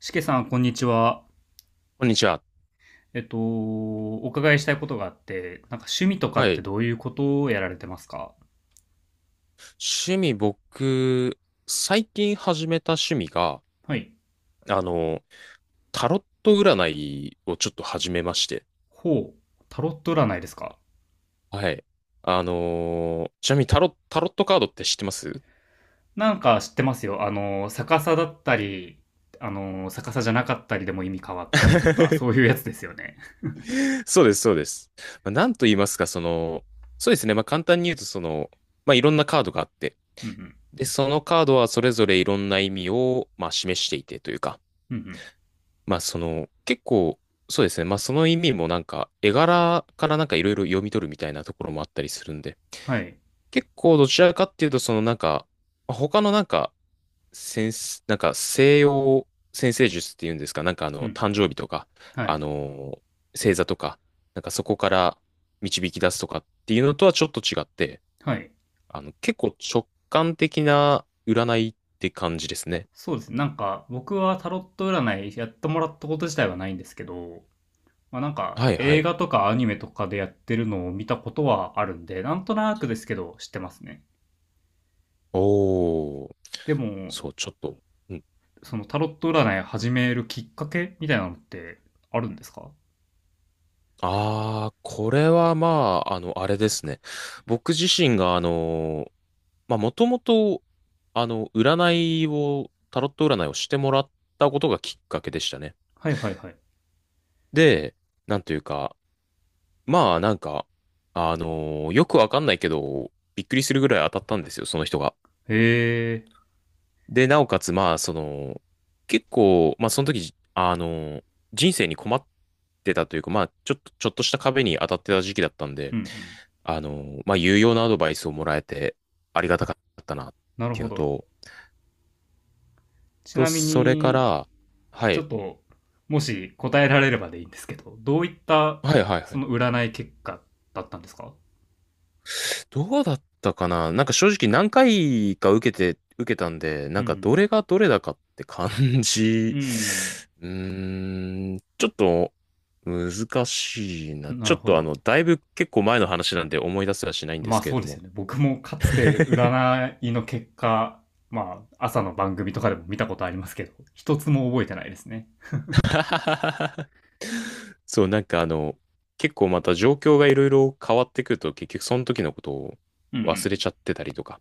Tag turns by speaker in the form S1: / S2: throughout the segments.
S1: しけさん、こんにちは。
S2: こんにちは。
S1: お伺いしたいことがあって、なんか趣味とか
S2: は
S1: って
S2: い。
S1: どういうことをやられてますか？
S2: 趣味、僕、最近始めた趣味が、
S1: はい。
S2: あの、タロット占いをちょっと始めまして。
S1: ほう。タロット占いですか？
S2: はい。ちなみにタロットカードって知ってます？
S1: なんか知ってますよ。あの、逆さだったり、あの、逆さじゃなかったりでも意味変わったりとか、そうい うやつですよね。
S2: そうです、そうです。まあ、なんと言いますか、その、そうですね。まあ、簡単に言うと、その、まあ、いろんなカードがあって、
S1: うん
S2: で、そのカードはそれぞれいろんな意味を、まあ、示していてというか、
S1: うん。うんうん。
S2: まあその、結構、そうですね。まあその意味もなんか、絵柄からなんかいろいろ読み取るみたいなところもあったりするんで、
S1: はい。
S2: 結構どちらかっていうと、そのなんか、他のなんか、先生、なんか西洋先生術っていうんですか、なんか
S1: うんうん。
S2: 誕生日とか、
S1: は
S2: あ
S1: い。
S2: の星座とか、なんかそこから導き出すとかっていうのとはちょっと違って、
S1: はい。
S2: 結構直感的な占いって感じですね。
S1: そうですね。なんか、僕はタロット占いやってもらったこと自体はないんですけど、まあ、なんか
S2: はいは
S1: 映
S2: い。
S1: 画とかアニメとかでやってるのを見たことはあるんで、なんとなくですけど知ってますね。
S2: おー、
S1: でも、
S2: そう、ちょっと。うん。
S1: そのタロット占い始めるきっかけみたいなのってあるんですか？
S2: ああ、これはまあ、あれですね。僕自身が、まあ、もともと、占いを、タロット占いをしてもらったことがきっかけでしたね。
S1: はいはいはい。
S2: で、なんというか、まあ、なんか、よくわかんないけど、びっくりするぐらい当たったんですよ、その人が。
S1: へえ、
S2: で、なおかつ、まあ、その、結構、まあ、その時、人生に困ってたというか、まあ、ちょっと、ちょっとした壁に当たってた時期だったん
S1: う
S2: で、
S1: んうん。
S2: まあ、有用なアドバイスをもらえて、ありがたかったな、っ
S1: なる
S2: ていう
S1: ほ
S2: の
S1: ど。
S2: と、
S1: ち
S2: と、
S1: なみ
S2: それか
S1: に、
S2: ら、は
S1: ちょ
S2: い、
S1: っと、もし答えられればでいいんですけど、どういった
S2: はいはいは
S1: そ
S2: い。
S1: の占い結果だったんですか？
S2: どうだったかな。なんか正直何回か受けて、受けたんで、
S1: う
S2: なんかど
S1: ん
S2: れがどれだかって感
S1: う
S2: じ。
S1: ん。
S2: うーん、ちょっと難しい
S1: う
S2: な。
S1: ん。な
S2: ちょ
S1: る
S2: っ
S1: ほ
S2: と
S1: ど。
S2: だいぶ結構前の話なんで思い出すらしないんで
S1: ま
S2: す
S1: あ
S2: けれ
S1: そう
S2: ど
S1: です
S2: も。
S1: よね。僕もかつて占いの結果、まあ朝の番組とかでも見たことありますけど、一つも覚えてないですね。
S2: そう、なんか結構また状況がいろいろ変わってくると結局その時のことを
S1: うんう
S2: 忘れ
S1: ん。
S2: ちゃってたりとか。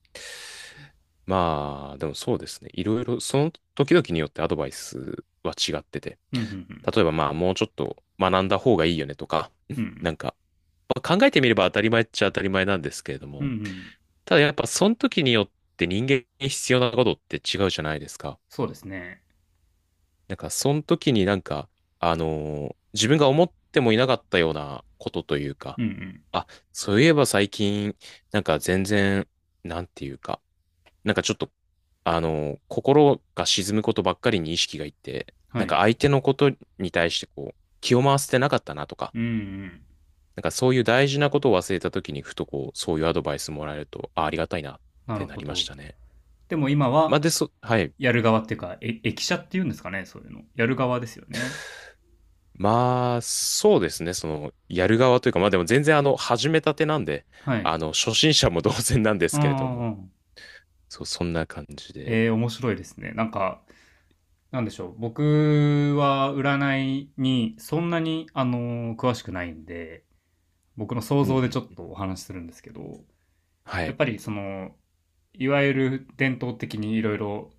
S2: まあ、でもそうですね。いろいろその時々によってアドバイスは違ってて。
S1: うんうん
S2: 例えばまあもうちょっと学んだ方がいいよねとか、
S1: うん。う ん
S2: なんか、まあ考えてみれば当たり前っちゃ当たり前なんですけれど
S1: うん。う
S2: も、
S1: んうん。
S2: ただやっぱその時によって人間に必要なことって違うじゃないですか。
S1: そうですね。
S2: なんかその時になんか、自分が思ってもいなかったようなことという
S1: う
S2: か、
S1: んうん。
S2: あ、そういえば最近、なんか全然、なんていうか、なんかちょっと、心が沈むことばっかりに意識がいって、
S1: は
S2: なん
S1: い。
S2: か相手のことに対してこう、気を回せてなかったなとか、
S1: うんうん。
S2: なんかそういう大事なことを忘れた時にふとこう、そういうアドバイスもらえると、あ、ありがたいなっ
S1: なる
S2: てな
S1: ほ
S2: りまし
S1: ど。
S2: たね。
S1: でも今
S2: まあ
S1: は
S2: で、そ、はい。
S1: やる側っていうか、え、駅舎っていうんですかね、そういうの。やる側ですよね。
S2: まあ、そうですね。その、やる側というか、まあでも全然始めたてなんで、
S1: はい。
S2: 初心者も同然なんで
S1: あ
S2: すけれども、
S1: あ、
S2: そう、そんな感じで。
S1: えー、面白いですね。なんか、なんでしょう。僕は占いにそんなに、詳しくないんで、僕の想
S2: うん
S1: 像でちょっ
S2: うん。
S1: とお話しするんですけど、
S2: は
S1: やっ
S2: い。
S1: ぱりその、いわゆる伝統的にいろいろ、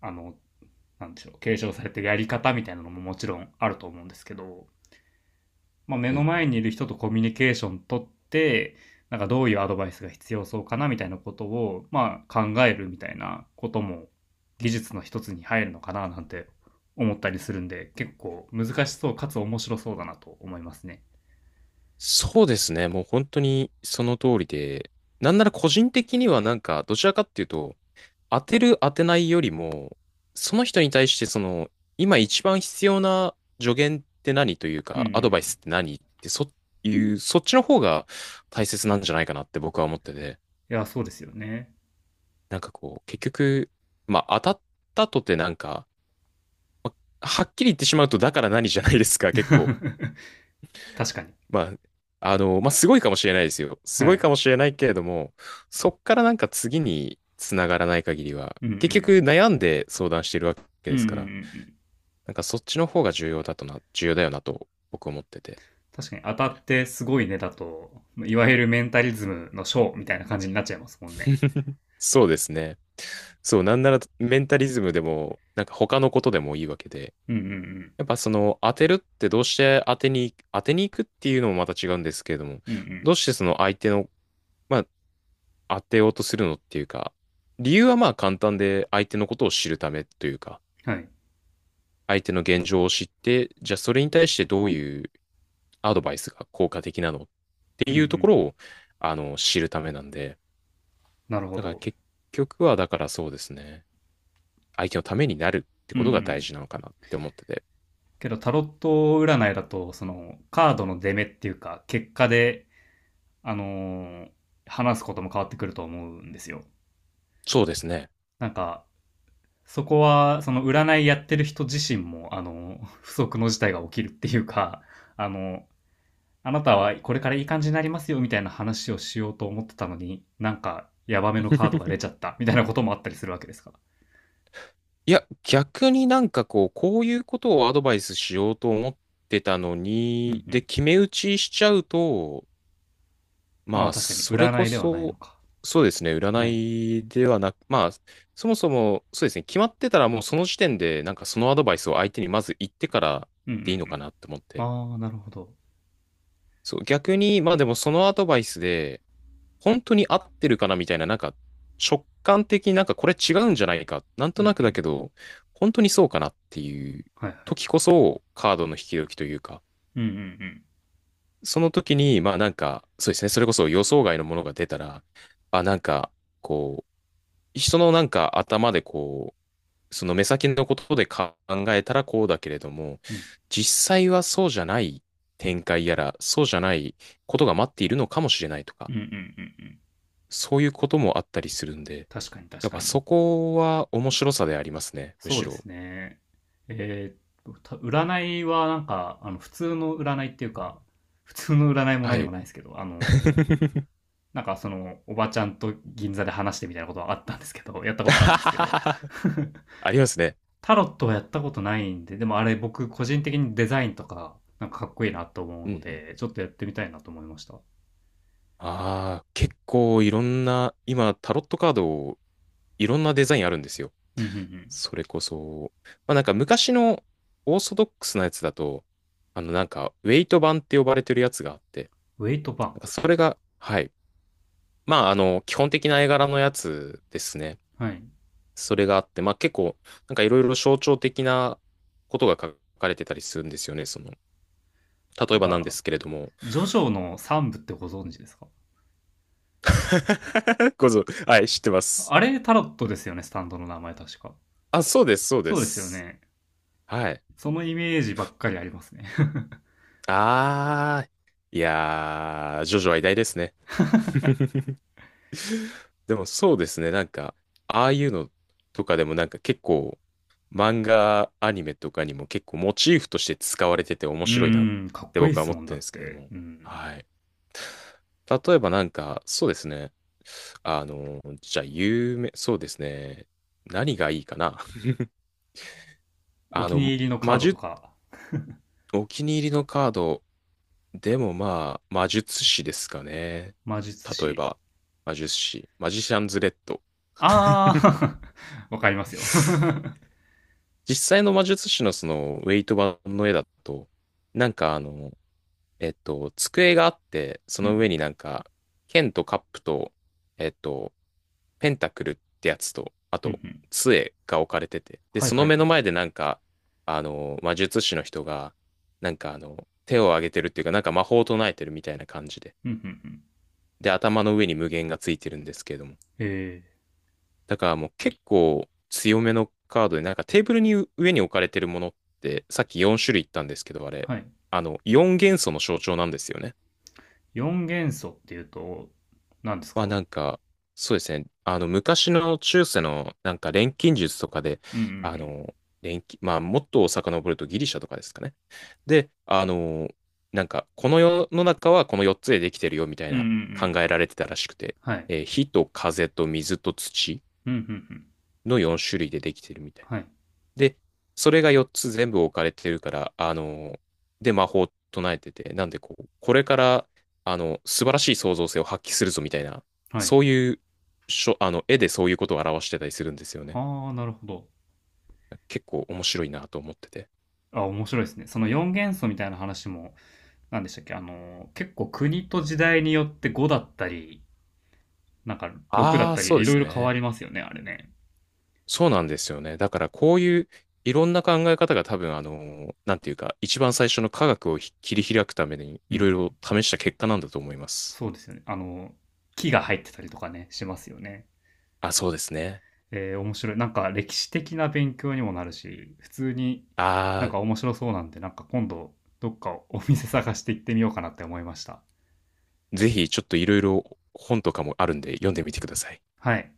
S1: あの、なんでしょう、継承されてるやり方みたいなのももちろんあると思うんですけど、まあ、目
S2: う
S1: の
S2: んう
S1: 前にい
S2: ん。
S1: る人とコミュニケーション取って、なんかどういうアドバイスが必要そうかなみたいなことを、まあ、考えるみたいなことも技術の一つに入るのかななんて思ったりするんで、結構難しそうかつ面白そうだなと思いますね。
S2: そうですね。もう本当にその通りで、なんなら個人的にはなんか、どちらかっていうと、当てる当てないよりも、その人に対してその、今一番必要な助言って何という
S1: うんう
S2: か、アドバイス
S1: ん。
S2: って何ってそ、いう、そっちの方が大切なんじゃないかなって僕は思ってて、
S1: いや、そうですよね。
S2: なんかこう、結局、まあ当たったとてなんか、はっきり言ってしまうとだから何じゃないですか、結構。
S1: 確かに。
S2: まあ、まあすごいかもしれないですよ。
S1: は
S2: すごい
S1: い。
S2: かもしれないけれども、そっからなんか次に繋がらない限りは、
S1: うんう
S2: 結局
S1: ん。
S2: 悩んで相談してるわけ
S1: うん
S2: で
S1: うん
S2: す
S1: うん
S2: か
S1: う
S2: ら。
S1: ん。
S2: なんかそっちの方が重要だとな、重要だよなと僕思ってて。
S1: 確かに当たってすごいねだと、いわゆるメンタリズムのショーみたいな感じになっちゃいますもんね。
S2: そうですね。そう、なんならメンタリズムでも、なんか他のことでもいいわけで、
S1: うんうん
S2: やっぱその当てるってどうして当てに行くっていうのもまた違うんですけれども、
S1: うん。うん
S2: どうしてその相手の、まあ当てようとするのっていうか、理由はまあ簡単で相手のことを知るためというか、
S1: うん。はい。
S2: 相手の現状を知って、じゃあそれに対してどういうアドバイスが効果的なのって
S1: うんう
S2: いうところ
S1: ん。
S2: を、知るためなんで、
S1: なるほ
S2: だから
S1: ど。
S2: 結局は、だからそうですね。相手のためになるって
S1: うん
S2: こ
S1: う
S2: とが
S1: ん。
S2: 大事なのかなって思ってて。
S1: けどタロット占いだと、そのカードの出目っていうか、結果で、あのー話すことも変わってくると思うんですよ。
S2: そうですね。
S1: なんか、そこは、その占いやってる人自身も、あの、不測の事態が起きるっていうか、あの、あなたはこれからいい感じになりますよみたいな話をしようと思ってたのに、なんかヤバめのカードが出ちゃったみたいなこともあったりするわけですか？
S2: いや、逆になんかこう、こういうことをアドバイスしようと思ってたの
S1: うん
S2: に、
S1: う
S2: で、
S1: ん。
S2: 決め打ちしちゃうと、
S1: あ
S2: ま
S1: あ、
S2: あ、
S1: 確かに
S2: それこ
S1: 占いではないの
S2: そ、
S1: か。
S2: そうですね、
S1: は
S2: 占
S1: い。
S2: いではなく、まあ、そもそも、そうですね、決まってたらもうその時点で、なんかそのアドバイスを相手にまず言ってから
S1: うんうんう
S2: でいいのか
S1: ん。
S2: なって思って。
S1: ああ、なるほど。
S2: そう、逆に、まあでもそのアドバイスで、本当に合ってるかなみたいな、なんか直感的になんかこれ違うんじゃないか、なん
S1: うん
S2: と
S1: う
S2: なくだけ
S1: ん。
S2: ど、本当にそうかなっていう
S1: はいはい。
S2: 時こそカードの引き時というか、
S1: うんうんうん。
S2: その時に、まあなんか、そうですね、それこそ予想外のものが出たら、あ、なんか、こう、人のなんか頭でこその目先のことで考えたらこうだけれども、
S1: うん
S2: 実際はそうじゃない展開やら、そうじゃないことが待っているのかもしれないと
S1: う
S2: か、
S1: んうんうん。
S2: そういうこともあったりするんで、
S1: 確かに
S2: や
S1: 確
S2: っぱ
S1: かに。
S2: そこは面白さでありますね、む
S1: そう
S2: し
S1: で
S2: ろ。
S1: すね。えーっと、た占いはなんか、あの、普通の占いっていうか、普通の占いも
S2: は
S1: 何も
S2: い。
S1: ないですけど、なんかそのおばちゃんと銀座で話してみたいなことはあったんですけど、 やったことあるんですけど、
S2: ありますね。
S1: タロットはやったことないんで、でもあれ僕個人的にデザインとかなんかかっこいいなと思う
S2: うんう
S1: の
S2: ん。
S1: でちょっとやってみたいなと思いました。
S2: ああ、結構いろんな、今タロットカードいろんなデザインあるんですよ。
S1: うんうんうん。
S2: それこそ、まあなんか昔のオーソドックスなやつだと、なんかウェイト版って呼ばれてるやつがあって、
S1: ウェイトパ
S2: な
S1: ン。
S2: んかそれが、はい。まあ基本的な絵柄のやつですね。
S1: はい。
S2: それがあって、まあ結構、なんかいろいろ象徴的なことが書かれてたりするんですよね。その、例
S1: な
S2: え
S1: ん
S2: ばなんで
S1: か
S2: すけれども。
S1: ジョジョの3部ってご存知ですか？
S2: ごぞ、はい、知ってます。
S1: あれタロットですよね、スタンドの名前確か。
S2: あ、そうです、そうで
S1: そうですよ
S2: す。
S1: ね。
S2: はい。
S1: そのイメージばっかりありますね。
S2: あー、いやー、ジョジョは偉大ですね。でもそうですね。なんか、ああいうのとかでもなんか結構、漫画、アニメとかにも結構モチーフとして使われてて 面
S1: う
S2: 白いなっ
S1: ーん、かっ
S2: て
S1: こいい
S2: 僕
S1: で
S2: は
S1: す
S2: 思っ
S1: もん
S2: て
S1: だ
S2: るんで
S1: っ
S2: すけど
S1: て、
S2: も。
S1: うん。
S2: はい。例えばなんか、そうですね。じゃあ有名、そうですね。何がいいかな。
S1: お
S2: あ
S1: 気
S2: の、
S1: に入りのカ
S2: 魔
S1: ードと
S2: 術、
S1: か。
S2: お気に入りのカード、でもまあ、魔術師ですかね。
S1: 魔術
S2: 例え
S1: 師。
S2: ば、魔術師、マジシャンズレッド。
S1: ああ、わかりますよ。
S2: 実際の魔術師のそのウェイト版の絵だと、なんかえっと、机があって、そ
S1: うんう
S2: の上に
S1: ん
S2: なんか、剣とカップと、えっと、ペンタクルってやつと、あ
S1: うん
S2: と、
S1: うん。
S2: 杖が置かれてて、で、
S1: はい
S2: そ
S1: は
S2: の
S1: い
S2: 目
S1: は
S2: の
S1: い。
S2: 前でなんか、魔術師の人が、なんか手を挙げてるっていうか、なんか魔法を唱えてるみたいな感じで、
S1: うんうんうん。
S2: で、頭の上に無限がついてるんですけれども、
S1: え
S2: だからもう結構強めのカードで、なんかテーブルに上に置かれてるものって、さっき4種類言ったんですけど、あ
S1: ー、
S2: れ、
S1: はい。
S2: 4元素の象徴なんですよね。
S1: 4元素っていうと、何です
S2: まあ
S1: か？
S2: なんか、そうですね、昔の中世のなんか錬金術とかで、
S1: うんう
S2: あ
S1: ん
S2: の、錬金、まあもっと遡るとギリシャとかですかね。で、なんか、この世の中はこの4つでできてるよみたい
S1: うん。うんう
S2: な
S1: んう
S2: 考
S1: ん。
S2: えられてたらしくて、
S1: はい。
S2: 火と風と水と土
S1: うんうんうん。
S2: の4種類でできてるみたいな。
S1: はい。
S2: で、それが4つ全部置かれてるから、で、魔法を唱えてて、なんでこう、これから、素晴らしい創造性を発揮するぞみたいな、
S1: はい。
S2: そういう、しょ、絵でそういうことを表してたりするんですよね。
S1: ああ、なるほど。
S2: 結構面白いなと思ってて。
S1: あ、面白いですね。その4元素みたいな話も、何でしたっけあの結構国と時代によって5だったり、なんか6だっ
S2: ああ、
S1: た
S2: そう
S1: り、い
S2: で
S1: ろい
S2: す
S1: ろ変わ
S2: ね。
S1: りますよね、あれね。
S2: そうなんですよね。だからこういういろんな考え方が多分なんていうか、一番最初の科学を切り開くために
S1: うん
S2: い
S1: う
S2: ろいろ
S1: ん。
S2: 試した結果なんだと思います。
S1: そうですよね。あの木が入ってたりとかね、しますよね。
S2: あ、そうですね。
S1: えー面白い。なんか歴史的な勉強にもなるし、普通にな
S2: あ
S1: ん
S2: あ、
S1: か面白そうなんで、なんか今度どっかお店探して行ってみようかなって思いました。
S2: ぜひちょっといろいろ本とかもあるんで読んでみてください。
S1: はい。